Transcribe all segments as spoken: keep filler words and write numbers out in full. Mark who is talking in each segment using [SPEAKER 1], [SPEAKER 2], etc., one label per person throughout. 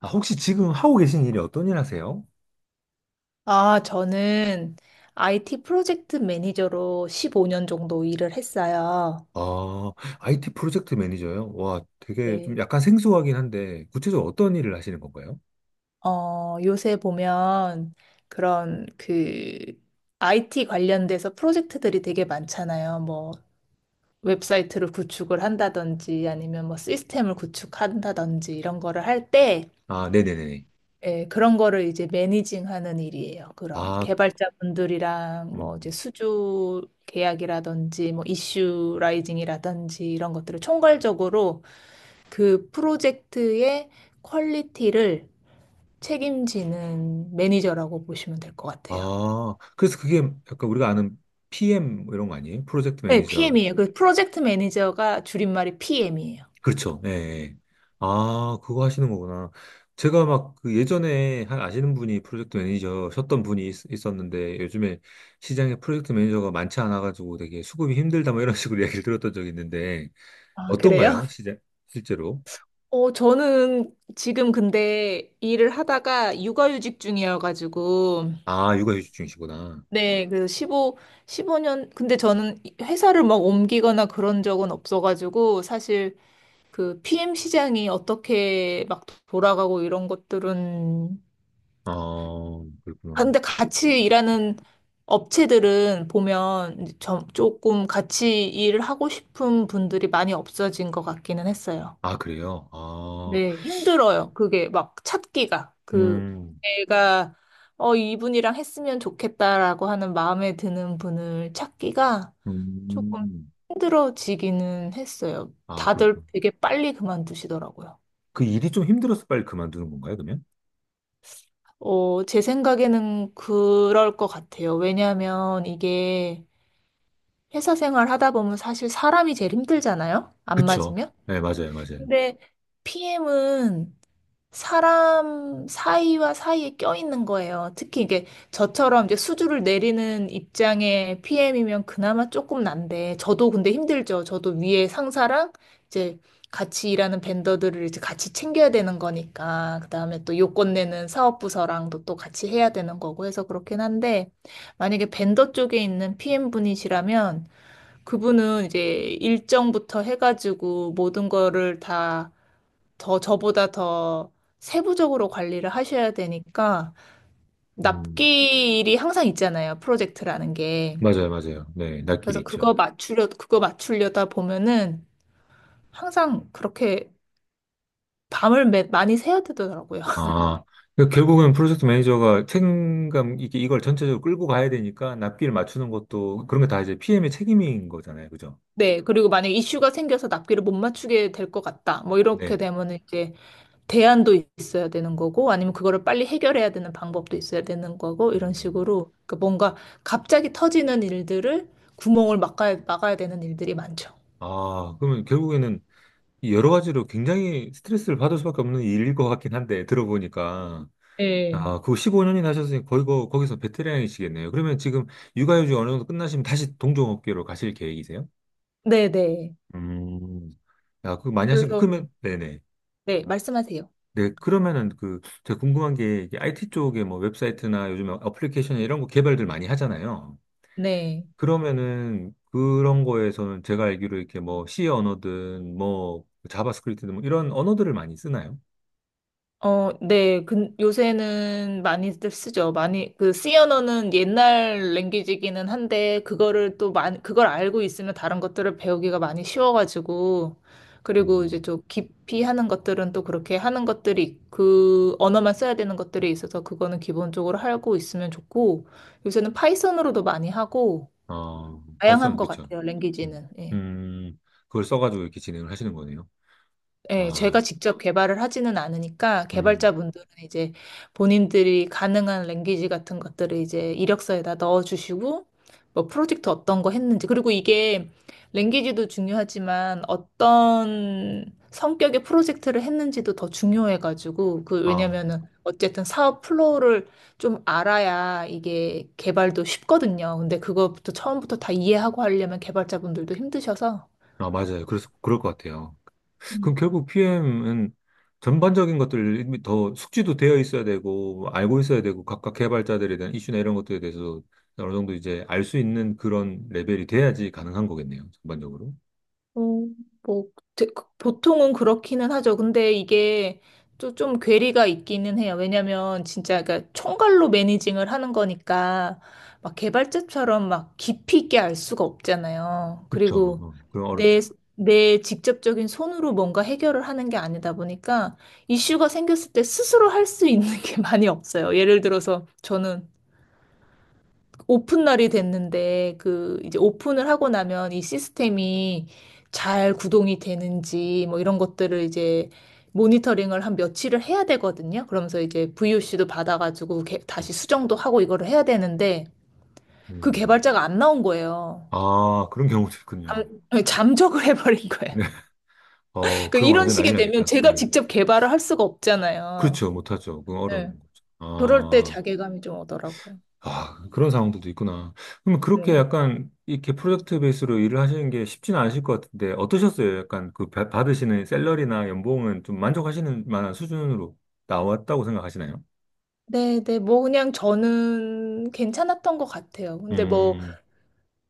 [SPEAKER 1] 아, 혹시 지금 하고 계신 일이 어떤 일 하세요?
[SPEAKER 2] 아, 저는 아이티 프로젝트 매니저로 십오 년 정도 일을 했어요.
[SPEAKER 1] 아, 아이티 프로젝트 매니저요? 와, 되게 좀
[SPEAKER 2] 네.
[SPEAKER 1] 약간 생소하긴 한데, 구체적으로 어떤 일을 하시는 건가요?
[SPEAKER 2] 어, 요새 보면 그런 그 아이티 관련돼서 프로젝트들이 되게 많잖아요. 뭐 웹사이트를 구축을 한다든지 아니면 뭐 시스템을 구축한다든지 이런 거를 할때,
[SPEAKER 1] 아, 네네네.
[SPEAKER 2] 예, 그런 거를 이제 매니징하는 일이에요. 그런
[SPEAKER 1] 아,
[SPEAKER 2] 개발자분들이랑
[SPEAKER 1] 음.
[SPEAKER 2] 뭐 이제 수주 계약이라든지 뭐 이슈 라이징이라든지 이런 것들을 총괄적으로 그 프로젝트의 퀄리티를 책임지는 매니저라고 보시면 될 것 같아요.
[SPEAKER 1] 아, 그래서 그게 약간 우리가 아는 피엠 뭐 이런 거 아니에요? 프로젝트
[SPEAKER 2] 네,
[SPEAKER 1] 매니저.
[SPEAKER 2] 피엠이에요. 그 프로젝트 매니저가 줄임말이 피엠이에요.
[SPEAKER 1] 그렇죠. 예. 예. 아, 그거 하시는 거구나. 제가 막 그 예전에 한 아시는 분이 프로젝트 매니저셨던 분이 있, 있었는데, 요즘에 시장에 프로젝트 매니저가 많지 않아가지고 되게 수급이 힘들다 뭐 이런 식으로 이야기를 들었던 적이 있는데,
[SPEAKER 2] 아, 그래요?
[SPEAKER 1] 어떤가요? 시제, 실제로?
[SPEAKER 2] 어, 저는 지금 근데 일을 하다가 육아휴직 중이어가지고.
[SPEAKER 1] 아, 육아휴직 중이시구나.
[SPEAKER 2] 네, 그래서 십오 년, 근데 저는 이- 회사를 막 옮기거나 그런 적은 없어가지고, 사실 그 피엠 시장이 어떻게 막 돌아가고 이런 것들은.
[SPEAKER 1] 어,
[SPEAKER 2] 아,
[SPEAKER 1] 그렇구나.
[SPEAKER 2] 근데 같이 일하는 업체들은 보면 이제 좀, 조금 같이 일을 하고 싶은 분들이 많이 없어진 것 같기는 했어요.
[SPEAKER 1] 아, 그래요? 아,
[SPEAKER 2] 네, 힘들어요. 그게 막 찾기가. 그,
[SPEAKER 1] 음,
[SPEAKER 2] 내가, 어, 이분이랑 했으면 좋겠다라고 하는 마음에 드는 분을 찾기가 조금
[SPEAKER 1] 음,
[SPEAKER 2] 힘들어지기는 했어요.
[SPEAKER 1] 아, 그렇구나.
[SPEAKER 2] 다들 되게 빨리 그만두시더라고요.
[SPEAKER 1] 그 일이 좀 힘들어서 빨리 그만두는 건가요, 그러면?
[SPEAKER 2] 어, 제 생각에는 그럴 것 같아요. 왜냐하면 이게 회사 생활 하다 보면 사실 사람이 제일 힘들잖아요. 안
[SPEAKER 1] 그쵸.
[SPEAKER 2] 맞으면.
[SPEAKER 1] 네, 맞아요, 맞아요.
[SPEAKER 2] 근데 피엠은 사람 사이와 사이에 껴있는 거예요. 특히 이게 저처럼 이제 수주를 내리는 입장의 피엠이면 그나마 조금 난데, 저도 근데 힘들죠. 저도 위에 상사랑 이제 같이 일하는 vendor들을 이제 같이 챙겨야 되는 거니까, 그 다음에 또 요건 내는 사업부서랑도 또 같이 해야 되는 거고 해서 그렇긴 한데, 만약에 벤더 쪽에 있는 피엠 분이시라면, 그분은 이제 일정부터 해가지고 모든 거를 다 더 저보다 더 세부적으로 관리를 하셔야 되니까.
[SPEAKER 1] 음,
[SPEAKER 2] 납기일이 항상 있잖아요. 프로젝트라는 게.
[SPEAKER 1] 맞아요, 맞아요. 네, 낯길
[SPEAKER 2] 그래서 그거
[SPEAKER 1] 있죠.
[SPEAKER 2] 맞추려 그거 맞추려다 보면은 항상 그렇게 밤을 매- 많이 새야 되더라고요.
[SPEAKER 1] 아, 그러니까 결국은 프로젝트 매니저가 책임감, 이게 이걸 전체적으로 끌고 가야 되니까 낯길 맞추는 것도 그런 게 다 이제 피엠의 책임인 거잖아요, 그죠?
[SPEAKER 2] 네. 그리고 만약 이슈가 생겨서 납기를 못 맞추게 될 것 같다, 뭐 이렇게
[SPEAKER 1] 네.
[SPEAKER 2] 되면은 이제 대안도 있어야 되는 거고, 아니면 그거를 빨리 해결해야 되는 방법도 있어야 되는 거고, 이런
[SPEAKER 1] 음.
[SPEAKER 2] 식으로 그 뭔가 갑자기 터지는 일들을, 구멍을 막아야, 막아야 되는 일들이 많죠.
[SPEAKER 1] 아, 그러면 결국에는 여러 가지로 굉장히 스트레스를 받을 수밖에 없는 일일 것 같긴 한데, 들어보니까.
[SPEAKER 2] 네.
[SPEAKER 1] 아, 그거 십오 년이나 하셨으니 거의 거, 거기서 베테랑이시겠네요. 그러면 지금 육아휴직 어느 정도 끝나시면 다시 동종업계로 가실 계획이세요?
[SPEAKER 2] 네네.
[SPEAKER 1] 음. 아, 그거 많이 하시니까,
[SPEAKER 2] 그래서,
[SPEAKER 1] 그러면, 네네.
[SPEAKER 2] 네, 말씀하세요.
[SPEAKER 1] 네, 그러면은 그, 제가 궁금한 게, 이게 아이티 쪽에 뭐 웹사이트나 요즘 어플리케이션 이런 거 개발들 많이 하잖아요.
[SPEAKER 2] 네.
[SPEAKER 1] 그러면은 그런 거에서는 제가 알기로 이렇게 뭐 C 언어든 뭐 자바스크립트든 뭐 이런 언어들을 많이 쓰나요?
[SPEAKER 2] 어, 네. 근 요새는 많이들 쓰죠. 많이, 그, C 언어는 옛날 랭귀지기는 한데, 그거를 또 많이, 그걸 알고 있으면 다른 것들을 배우기가 많이 쉬워가지고, 그리고 이제
[SPEAKER 1] 음.
[SPEAKER 2] 좀 깊이 하는 것들은 또 그렇게 하는 것들이, 그 언어만 써야 되는 것들이 있어서, 그거는 기본적으로 알고 있으면 좋고, 요새는 파이썬으로도 많이 하고,
[SPEAKER 1] 어,
[SPEAKER 2] 다양한
[SPEAKER 1] 파이썬,
[SPEAKER 2] 것
[SPEAKER 1] 그쵸.
[SPEAKER 2] 같아요,
[SPEAKER 1] 음,
[SPEAKER 2] 랭귀지는. 예.
[SPEAKER 1] 음, 그걸 써가지고 이렇게 진행을 하시는 거네요.
[SPEAKER 2] 예, 제가
[SPEAKER 1] 아,
[SPEAKER 2] 직접 개발을 하지는 않으니까
[SPEAKER 1] 음,
[SPEAKER 2] 개발자분들은 이제 본인들이 가능한 랭귀지 같은 것들을 이제 이력서에다 넣어주시고, 뭐 프로젝트 어떤 거 했는지, 그리고 이게 랭귀지도 중요하지만 어떤 성격의 프로젝트를 했는지도 더 중요해가지고, 그
[SPEAKER 1] 아,
[SPEAKER 2] 왜냐면은 어쨌든 사업 플로우를 좀 알아야 이게 개발도 쉽거든요. 근데 그것부터 처음부터 다 이해하고 하려면 개발자분들도 힘드셔서.
[SPEAKER 1] 아, 맞아요. 그래서, 그럴 것 같아요. 그럼 결국 피엠은 전반적인 것들 이미 더 숙지도 되어 있어야 되고, 알고 있어야 되고, 각각 개발자들에 대한 이슈나 이런 것들에 대해서 어느 정도 이제 알 수 있는 그런 레벨이 돼야지 가능한 거겠네요. 전반적으로.
[SPEAKER 2] 어, 뭐, 대- 그- 보통은 그렇기는 하죠. 근데 이게 또 좀 괴리가 있기는 해요. 왜냐면 진짜 그러니까 총괄로 매니징을 하는 거니까 막 개발자처럼 막 깊이 있게 알 수가 없잖아요.
[SPEAKER 1] 그렇죠.
[SPEAKER 2] 그리고
[SPEAKER 1] 어, 그럼 어렵죠.
[SPEAKER 2] 내, 내 직접적인 손으로 뭔가 해결을 하는 게 아니다 보니까 이슈가 생겼을 때 스스로 할 수 있는 게 많이 없어요. 예를 들어서 저는 오픈 날이 됐는데 그 이제 오픈을 하고 나면 이 시스템이 잘 구동이 되는지 뭐 이런 것들을 이제 모니터링을 한 며칠을 해야 되거든요. 그러면서 이제 브이오씨도 받아가지고 개-
[SPEAKER 1] 음.
[SPEAKER 2] 다시 수정도 하고 이거를 해야 되는데 그
[SPEAKER 1] 음.
[SPEAKER 2] 개발자가 안 나온 거예요.
[SPEAKER 1] 아, 그런 경우도 있군요.
[SPEAKER 2] 잠, 잠적을 해버린 거예요.
[SPEAKER 1] 네. 어,
[SPEAKER 2] 그
[SPEAKER 1] 그럼
[SPEAKER 2] 이런 어,
[SPEAKER 1] 완전 난리
[SPEAKER 2] 식이 되면
[SPEAKER 1] 나겠다.
[SPEAKER 2] 제가
[SPEAKER 1] 음.
[SPEAKER 2] 직접 개발을 할 수가 없잖아요.
[SPEAKER 1] 그렇죠. 못하죠. 그건
[SPEAKER 2] 네.
[SPEAKER 1] 어려운 거죠.
[SPEAKER 2] 그럴 때
[SPEAKER 1] 아,
[SPEAKER 2] 자괴감이 좀 오더라고요.
[SPEAKER 1] 아, 그런 상황들도 있구나. 그러면 그렇게
[SPEAKER 2] 네.
[SPEAKER 1] 약간 이렇게 프로젝트 베이스로 일을 하시는 게 쉽지는 않으실 것 같은데 어떠셨어요? 약간 그 바- 받으시는 샐러리나 연봉은 좀 만족하시는 만한 수준으로 나왔다고 생각하시나요?
[SPEAKER 2] 네, 네, 뭐 그냥 저는 괜찮았던 것 같아요. 근데 뭐
[SPEAKER 1] 음,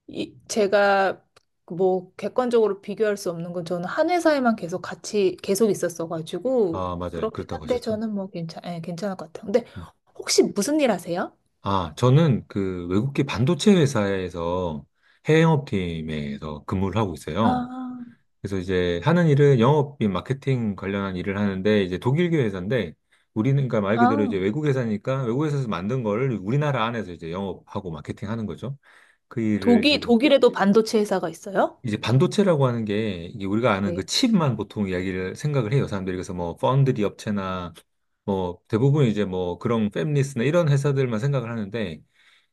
[SPEAKER 2] 이, 제가 뭐 객관적으로 비교할 수 없는 건 저는 한 회사에만 계속 같이 계속 있었어가지고.
[SPEAKER 1] 아, 맞아요.
[SPEAKER 2] 그렇긴
[SPEAKER 1] 그렇다고
[SPEAKER 2] 한데
[SPEAKER 1] 하셨죠.
[SPEAKER 2] 저는 뭐 괜찮, 예, 괜찮을 것 같아요. 근데
[SPEAKER 1] 음.
[SPEAKER 2] 혹시 무슨 일 하세요?
[SPEAKER 1] 아, 저는 그 외국계 반도체 회사에서 해외 영업팀에서 근무를 하고 있어요.
[SPEAKER 2] 아,
[SPEAKER 1] 그래서 이제 하는 일은 영업인 마케팅 관련한 일을 하는데 이제 독일계 회사인데 우리는 그러니까 말 그대로 이제
[SPEAKER 2] 아,
[SPEAKER 1] 외국 회사니까 외국 회사에서 만든 거를 우리나라 안에서 이제 영업하고 마케팅하는 거죠. 그 일을
[SPEAKER 2] 독일,
[SPEAKER 1] 지금
[SPEAKER 2] 독일에도 반도체 회사가 있어요?
[SPEAKER 1] 이제 반도체라고 하는 게 이게 우리가 아는 그
[SPEAKER 2] 네.
[SPEAKER 1] 칩만 보통 이야기를 생각을 해요. 사람들이 그래서 뭐 파운드리 업체나 뭐 대부분 이제 뭐 그런 팹리스나 이런 회사들만 생각을 하는데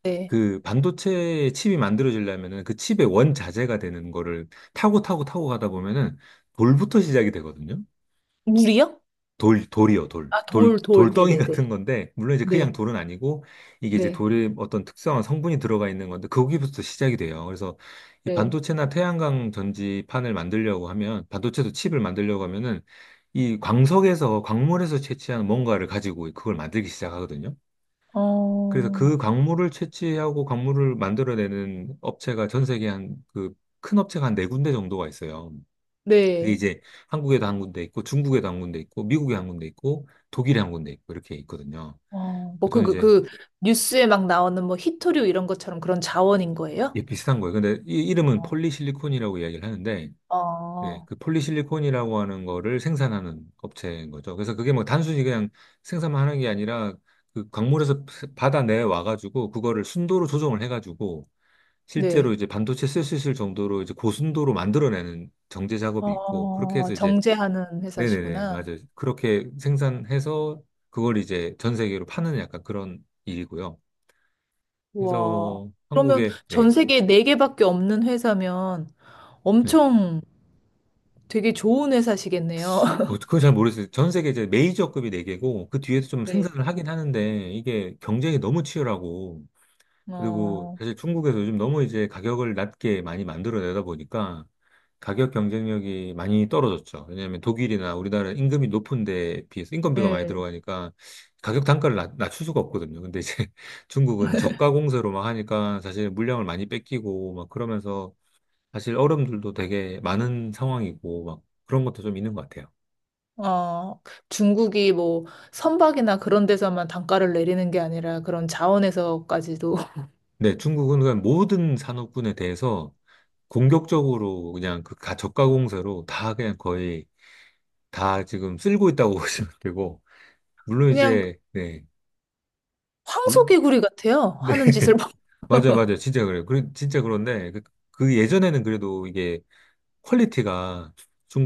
[SPEAKER 2] 네.
[SPEAKER 1] 그 반도체 칩이 만들어지려면은 그 칩의 원자재가 되는 거를 타고 타고 타고 가다 보면은 돌부터 시작이 되거든요.
[SPEAKER 2] 물이요?
[SPEAKER 1] 돌, 돌이요, 돌.
[SPEAKER 2] 아,
[SPEAKER 1] 돌,
[SPEAKER 2] 돌, 돌.
[SPEAKER 1] 돌덩이
[SPEAKER 2] 네네네.
[SPEAKER 1] 같은 건데, 물론 이제 그냥
[SPEAKER 2] 네.
[SPEAKER 1] 돌은 아니고, 이게 이제
[SPEAKER 2] 네.
[SPEAKER 1] 돌의 어떤 특성한 성분이 들어가 있는 건데, 거기부터 시작이 돼요. 그래서 이
[SPEAKER 2] 네.
[SPEAKER 1] 반도체나 태양광 전지판을 만들려고 하면, 반도체도 칩을 만들려고 하면은, 이 광석에서, 광물에서 채취한 뭔가를 가지고 그걸 만들기 시작하거든요. 그래서
[SPEAKER 2] 어,
[SPEAKER 1] 그 광물을 채취하고 광물을 만들어내는 업체가 전 세계 한, 그, 큰 업체가 한 네 군데 정도가 있어요. 그게
[SPEAKER 2] 네.
[SPEAKER 1] 이제 한국에도 한 군데 있고 중국에도 한 군데 있고 미국에 한 군데 있고 독일에 한 군데 있고 이렇게 있거든요.
[SPEAKER 2] 어, 뭐 그,
[SPEAKER 1] 저는
[SPEAKER 2] 그,
[SPEAKER 1] 이제
[SPEAKER 2] 그, 뉴스에 막 나오는 뭐 히토류 이런 것처럼 그런 자원인 거예요?
[SPEAKER 1] 이게 비슷한 거예요. 근데 이 이름은
[SPEAKER 2] 어,
[SPEAKER 1] 폴리실리콘이라고 이야기를 하는데 예,
[SPEAKER 2] 어,
[SPEAKER 1] 그 폴리실리콘이라고 하는 거를 생산하는 업체인 거죠. 그래서 그게 뭐 단순히 그냥 생산만 하는 게 아니라 그 광물에서 바다 내에 와가지고 그거를 순도로 조정을 해가지고 실제로
[SPEAKER 2] 네.
[SPEAKER 1] 이제 반도체 쓸 수 있을 정도로 이제 고순도로 만들어내는 정제 작업이 있고 그렇게
[SPEAKER 2] 어,
[SPEAKER 1] 해서 이제
[SPEAKER 2] 정제하는
[SPEAKER 1] 네네네,
[SPEAKER 2] 회사시구나.
[SPEAKER 1] 맞아요. 그렇게 생산해서 그걸 이제 전 세계로 파는 약간 그런 일이고요. 그래서
[SPEAKER 2] 와,
[SPEAKER 1] 뭐
[SPEAKER 2] 그러면
[SPEAKER 1] 한국에,
[SPEAKER 2] 전
[SPEAKER 1] 네,
[SPEAKER 2] 세계에 네개밖에 없는 회사면
[SPEAKER 1] 네.
[SPEAKER 2] 엄청 되게 좋은 회사시겠네요.
[SPEAKER 1] 어, 그건 잘 모르겠어요. 전 세계 이제 메이저급이 네개고그 뒤에서 좀
[SPEAKER 2] 네.
[SPEAKER 1] 생산을 하긴 하는데 이게 경쟁이 너무 치열하고 그리고
[SPEAKER 2] 어,
[SPEAKER 1] 사실 중국에서 요즘 너무 이제 가격을 낮게 많이 만들어내다 보니까 가격 경쟁력이 많이 떨어졌죠. 왜냐하면 독일이나 우리나라 임금이 높은 데에 비해서 인건비가 많이
[SPEAKER 2] 네.
[SPEAKER 1] 들어가니까 가격 단가를 낮, 낮출 수가 없거든요. 근데 이제 중국은 저가 공세로 막 하니까 사실 물량을 많이 뺏기고 막 그러면서 사실 어려움들도 되게 많은 상황이고 막 그런 것도 좀 있는 것 같아요.
[SPEAKER 2] 어, 중국이 뭐 선박이나 그런 데서만 단가를 내리는 게 아니라 그런 자원에서까지도.
[SPEAKER 1] 네, 중국은 그냥 모든 산업군에 대해서 공격적으로 그냥 그 가- 저가 공세로 다 그냥 거의 다 지금 쓸고 있다고 보시면 되고, 물론
[SPEAKER 2] 그냥
[SPEAKER 1] 이제, 네, 물,
[SPEAKER 2] 황소개구리 같아요.
[SPEAKER 1] 네.
[SPEAKER 2] 하는 짓을 봐.
[SPEAKER 1] 맞아요, 맞아요. 진짜 그래요. 그, 진짜 그런데, 그, 그 예전에는 그래도 이게 퀄리티가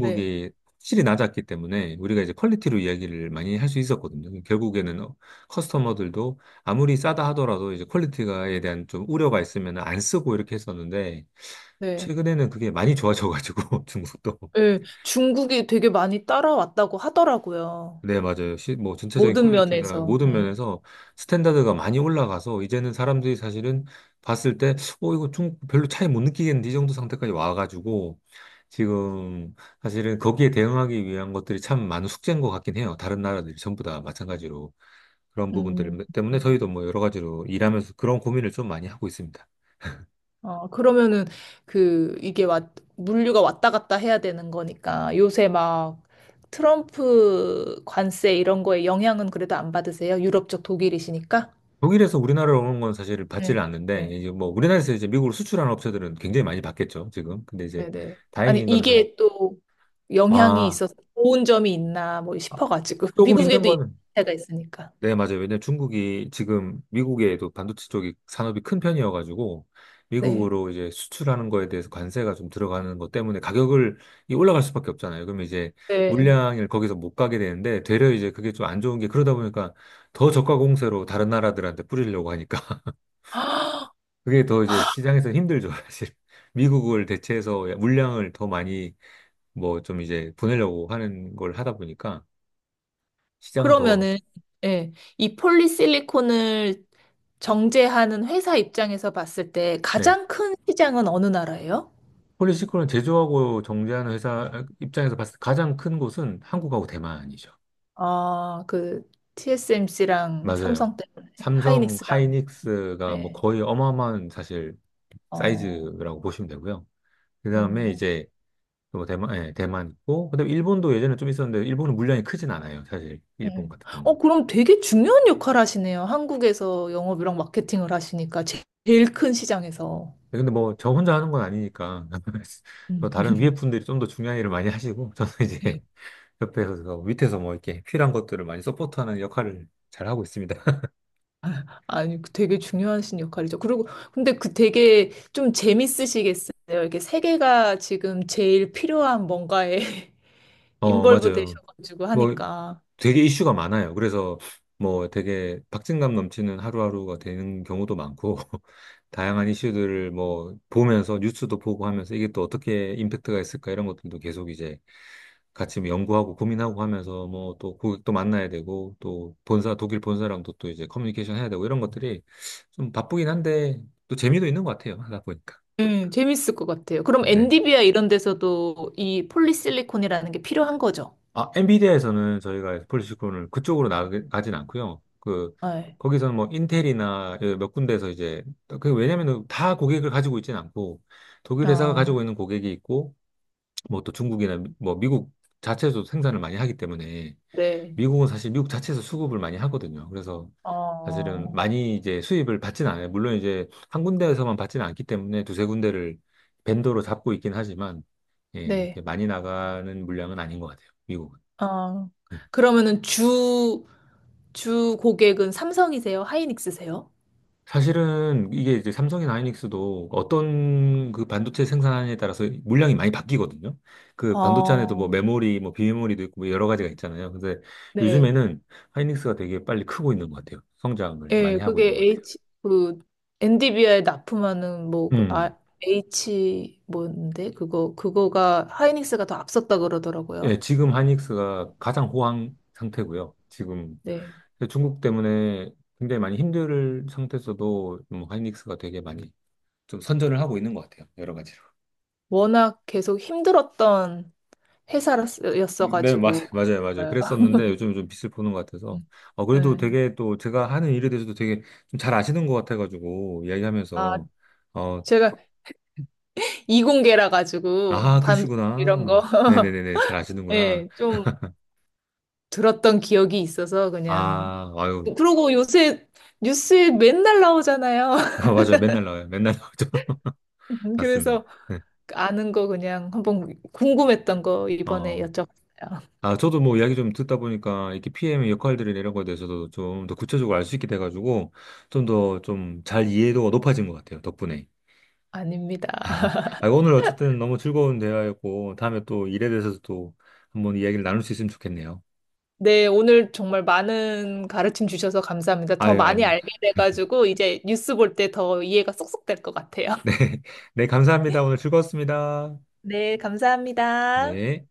[SPEAKER 2] 네.
[SPEAKER 1] 확실히 낮았기 때문에 우리가 이제 퀄리티로 이야기를 많이 할 수 있었거든요. 결국에는 어, 커스터머들도 아무리 싸다 하더라도 이제 퀄리티가에 대한 좀 우려가 있으면 안 쓰고 이렇게 했었는데,
[SPEAKER 2] 네.
[SPEAKER 1] 최근에는 그게 많이 좋아져가지고, 중국도.
[SPEAKER 2] 네. 중국이 되게 많이 따라왔다고 하더라고요.
[SPEAKER 1] 네, 맞아요. 시, 뭐, 전체적인
[SPEAKER 2] 모든
[SPEAKER 1] 퀄리티나
[SPEAKER 2] 면에서.
[SPEAKER 1] 모든
[SPEAKER 2] 네.
[SPEAKER 1] 면에서 스탠다드가 많이 올라가서 이제는 사람들이 사실은 봤을 때, 어, 이거 좀 별로 차이 못 느끼겠는데 이 정도 상태까지 와가지고 지금 사실은 거기에 대응하기 위한 것들이 참 많은 숙제인 것 같긴 해요. 다른 나라들이 전부 다 마찬가지로 그런
[SPEAKER 2] 음.
[SPEAKER 1] 부분들 때문에 저희도 뭐 여러 가지로 일하면서 그런 고민을 좀 많이 하고 있습니다.
[SPEAKER 2] 어, 그러면은 그 이게 왔, 물류가 왔다 갔다 해야 되는 거니까 요새 막 트럼프 관세 이런 거에 영향은 그래도 안 받으세요? 유럽 쪽 독일이시니까?
[SPEAKER 1] 독일에서 우리나라로 오는 건 사실 받지를
[SPEAKER 2] 네.
[SPEAKER 1] 않는데
[SPEAKER 2] 네,
[SPEAKER 1] 이제 뭐 우리나라에서 이제 미국으로 수출하는 업체들은 굉장히 많이 받겠죠, 지금. 근데 이제
[SPEAKER 2] 네, 네. 아니
[SPEAKER 1] 다행인 거는 저희
[SPEAKER 2] 이게 또 영향이
[SPEAKER 1] 아,
[SPEAKER 2] 있어서 좋은 점이 있나 뭐
[SPEAKER 1] 아,
[SPEAKER 2] 싶어가지고
[SPEAKER 1] 조금 있는
[SPEAKER 2] 미국에도
[SPEAKER 1] 거는
[SPEAKER 2] 이가 있으니까.
[SPEAKER 1] 네, 맞아요. 왜냐면 중국이 지금 미국에도 반도체 쪽이 산업이 큰 편이어가지고
[SPEAKER 2] 네,
[SPEAKER 1] 미국으로 이제 수출하는 거에 대해서 관세가 좀 들어가는 것 때문에 가격을 이 올라갈 수밖에 없잖아요. 그러면 이제
[SPEAKER 2] 네.
[SPEAKER 1] 물량을 거기서 못 가게 되는데 되려 이제 그게 좀 안 좋은 게 그러다 보니까 더 저가 공세로 다른 나라들한테 뿌리려고 하니까 그게 더 이제 시장에서 힘들죠, 사실. 미국을 대체해서 물량을 더 많이 뭐 좀 이제 보내려고 하는 걸 하다 보니까 시장은 더
[SPEAKER 2] 그러면은 예, 이 폴리실리콘을 정제하는 회사 입장에서 봤을 때
[SPEAKER 1] 네,
[SPEAKER 2] 가장 큰 시장은 어느 나라예요?
[SPEAKER 1] 폴리시클론을 제조하고 정제하는 회사 입장에서 봤을 때 가장 큰 곳은 한국하고 대만이죠.
[SPEAKER 2] 아, 그 티에스엠씨랑
[SPEAKER 1] 맞아요.
[SPEAKER 2] 삼성 때문에
[SPEAKER 1] 삼성,
[SPEAKER 2] 하이닉스랑.
[SPEAKER 1] 하이닉스가 뭐
[SPEAKER 2] 예.
[SPEAKER 1] 거의 어마어마한 사실
[SPEAKER 2] 어,
[SPEAKER 1] 사이즈라고 보시면 되고요. 그 다음에
[SPEAKER 2] 어,
[SPEAKER 1] 이제 또 대만, 예, 대만 있고, 그다음에 일본도 예전에 좀 있었는데 일본은 물량이 크진 않아요. 사실
[SPEAKER 2] 예.
[SPEAKER 1] 일본 같은
[SPEAKER 2] 어,
[SPEAKER 1] 경우는.
[SPEAKER 2] 그럼 되게 중요한 역할 하시네요. 한국에서 영업이랑 마케팅을 하시니까 제- 제일 큰 시장에서.
[SPEAKER 1] 근데 뭐 저 혼자 하는 건 아니니까 저
[SPEAKER 2] 음.
[SPEAKER 1] 다른 위에 분들이 좀 더 중요한 일을 많이 하시고 저는 이제 옆에서 뭐 밑에서 뭐 이렇게 필요한 것들을 많이 서포트하는 역할을 잘 하고 있습니다.
[SPEAKER 2] 아니, 그 되게 중요하신 역할이죠. 그리고, 근데 그 되게 좀 재밌으시겠어요. 이렇게 세계가 지금 제일 필요한 뭔가에
[SPEAKER 1] 어,
[SPEAKER 2] 인벌브
[SPEAKER 1] 맞아요.
[SPEAKER 2] 되셔가지고
[SPEAKER 1] 뭐
[SPEAKER 2] 하니까.
[SPEAKER 1] 되게 이슈가 많아요. 그래서 뭐 되게 박진감 넘치는 하루하루가 되는 경우도 많고 다양한 이슈들을 뭐 보면서 뉴스도 보고 하면서 이게 또 어떻게 임팩트가 있을까 이런 것들도 계속 이제 같이 뭐 연구하고 고민하고 하면서 뭐 또 고객도 만나야 되고 또 본사 독일 본사랑도 또 이제 커뮤니케이션 해야 되고 이런 것들이 좀 바쁘긴 한데 또 재미도 있는 것 같아요. 하다 보니까.
[SPEAKER 2] 네, 재밌을 것 같아요. 그럼
[SPEAKER 1] 네.
[SPEAKER 2] 엔디비아 이런 데서도 이 폴리실리콘이라는 게 필요한 거죠?
[SPEAKER 1] 아, 엔비디아에서는 저희가 폴리시콘을 그쪽으로 나가 가진 않고요. 그
[SPEAKER 2] 네.
[SPEAKER 1] 거기서는 뭐 인텔이나 예, 몇 군데에서 이제 그 왜냐면은 다 고객을 가지고 있지는 않고 독일 회사가
[SPEAKER 2] 아,
[SPEAKER 1] 가지고 있는 고객이 있고 뭐 또 중국이나 미- 뭐 미국 자체에서 생산을 많이 하기 때문에
[SPEAKER 2] 네.
[SPEAKER 1] 미국은 사실 미국 자체에서 수급을 많이 하거든요. 그래서 사실은
[SPEAKER 2] 어,
[SPEAKER 1] 많이 이제 수입을 받진 않아요. 물론 이제 한 군데에서만 받지는 않기 때문에 두세 군데를 벤더로 잡고 있긴 하지만 예, 이렇게
[SPEAKER 2] 네.
[SPEAKER 1] 많이 나가는 물량은 아닌 것 같아요. 미국은.
[SPEAKER 2] 아,
[SPEAKER 1] 네.
[SPEAKER 2] 그러면은 주, 주 고객은 삼성이세요, 하이닉스세요?
[SPEAKER 1] 사실은 이게 이제 삼성이나 하이닉스도 어떤 그 반도체 생산에 따라서 물량이 많이 바뀌거든요. 그 반도체 안에도
[SPEAKER 2] 어,
[SPEAKER 1] 뭐 메모리, 뭐 비메모리도 있고 뭐 여러 가지가 있잖아요. 근데
[SPEAKER 2] 네.
[SPEAKER 1] 요즘에는 하이닉스가 되게 빨리 크고 있는 것 같아요. 성장을
[SPEAKER 2] 예,
[SPEAKER 1] 많이 하고
[SPEAKER 2] 그게
[SPEAKER 1] 있는 것 같아요.
[SPEAKER 2] 에이치, 그, 엔디비아에 납품하는, 뭐, 그,
[SPEAKER 1] 음.
[SPEAKER 2] 아, 에이치, 뭔데? 그거, 그거가 하이닉스가 더 앞섰다
[SPEAKER 1] 예,
[SPEAKER 2] 그러더라고요.
[SPEAKER 1] 지금 하이닉스가 가장 호황 상태고요. 지금
[SPEAKER 2] 네.
[SPEAKER 1] 중국 때문에 굉장히 많이 힘들 상태에서도 뭐 하이닉스가 되게 많이 좀 선전을 하고 있는 것 같아요. 여러 가지로.
[SPEAKER 2] 워낙 계속 힘들었던
[SPEAKER 1] 네, 맞,
[SPEAKER 2] 회사였어가지고,
[SPEAKER 1] 맞아요,
[SPEAKER 2] 그런
[SPEAKER 1] 맞아요.
[SPEAKER 2] 거예요.
[SPEAKER 1] 그랬었는데 요즘 좀 빛을 보는 것 같아서. 어, 그래도
[SPEAKER 2] 네.
[SPEAKER 1] 되게 또 제가 하는 일에 대해서도 되게 좀 잘 아시는 것 같아가지고,
[SPEAKER 2] 아,
[SPEAKER 1] 이야기하면서, 어,
[SPEAKER 2] 제가 이공계라 가지고,
[SPEAKER 1] 아,
[SPEAKER 2] 반도체 이런 거,
[SPEAKER 1] 그러시구나. 네네네네, 잘 아시는구나.
[SPEAKER 2] 예, 좀 들었던 기억이 있어서 그냥.
[SPEAKER 1] 아, 아유,
[SPEAKER 2] 그러고 요새 뉴스에 맨날 나오잖아요.
[SPEAKER 1] 아, 맞아요. 맨날 나와요. 맨날 나오죠. 맞습니다.
[SPEAKER 2] 그래서
[SPEAKER 1] 네.
[SPEAKER 2] 아는 거 그냥 한번 궁금했던 거 이번에
[SPEAKER 1] 어,
[SPEAKER 2] 여쭤봤어요.
[SPEAKER 1] 아, 저도 뭐 이야기 좀 듣다 보니까 이렇게 피엠의 역할들이나 이런 거에 대해서도 좀 더 구체적으로 알 수 있게 돼가지고, 좀 더 좀 잘 이해도가 높아진 것 같아요. 덕분에.
[SPEAKER 2] 아닙니다.
[SPEAKER 1] 아, 오늘 어쨌든 너무 즐거운 대화였고, 다음에 또 일에 대해서 또 한번 이야기를 나눌 수 있으면 좋겠네요.
[SPEAKER 2] 네, 오늘 정말 많은 가르침 주셔서 감사합니다. 더
[SPEAKER 1] 아유,
[SPEAKER 2] 많이
[SPEAKER 1] 아닙니다.
[SPEAKER 2] 알게 돼가지고 이제 뉴스 볼 때 더 이해가 쏙쏙 될 것 같아요.
[SPEAKER 1] 네. 네, 감사합니다. 오늘 즐거웠습니다.
[SPEAKER 2] 네, 감사합니다.
[SPEAKER 1] 예.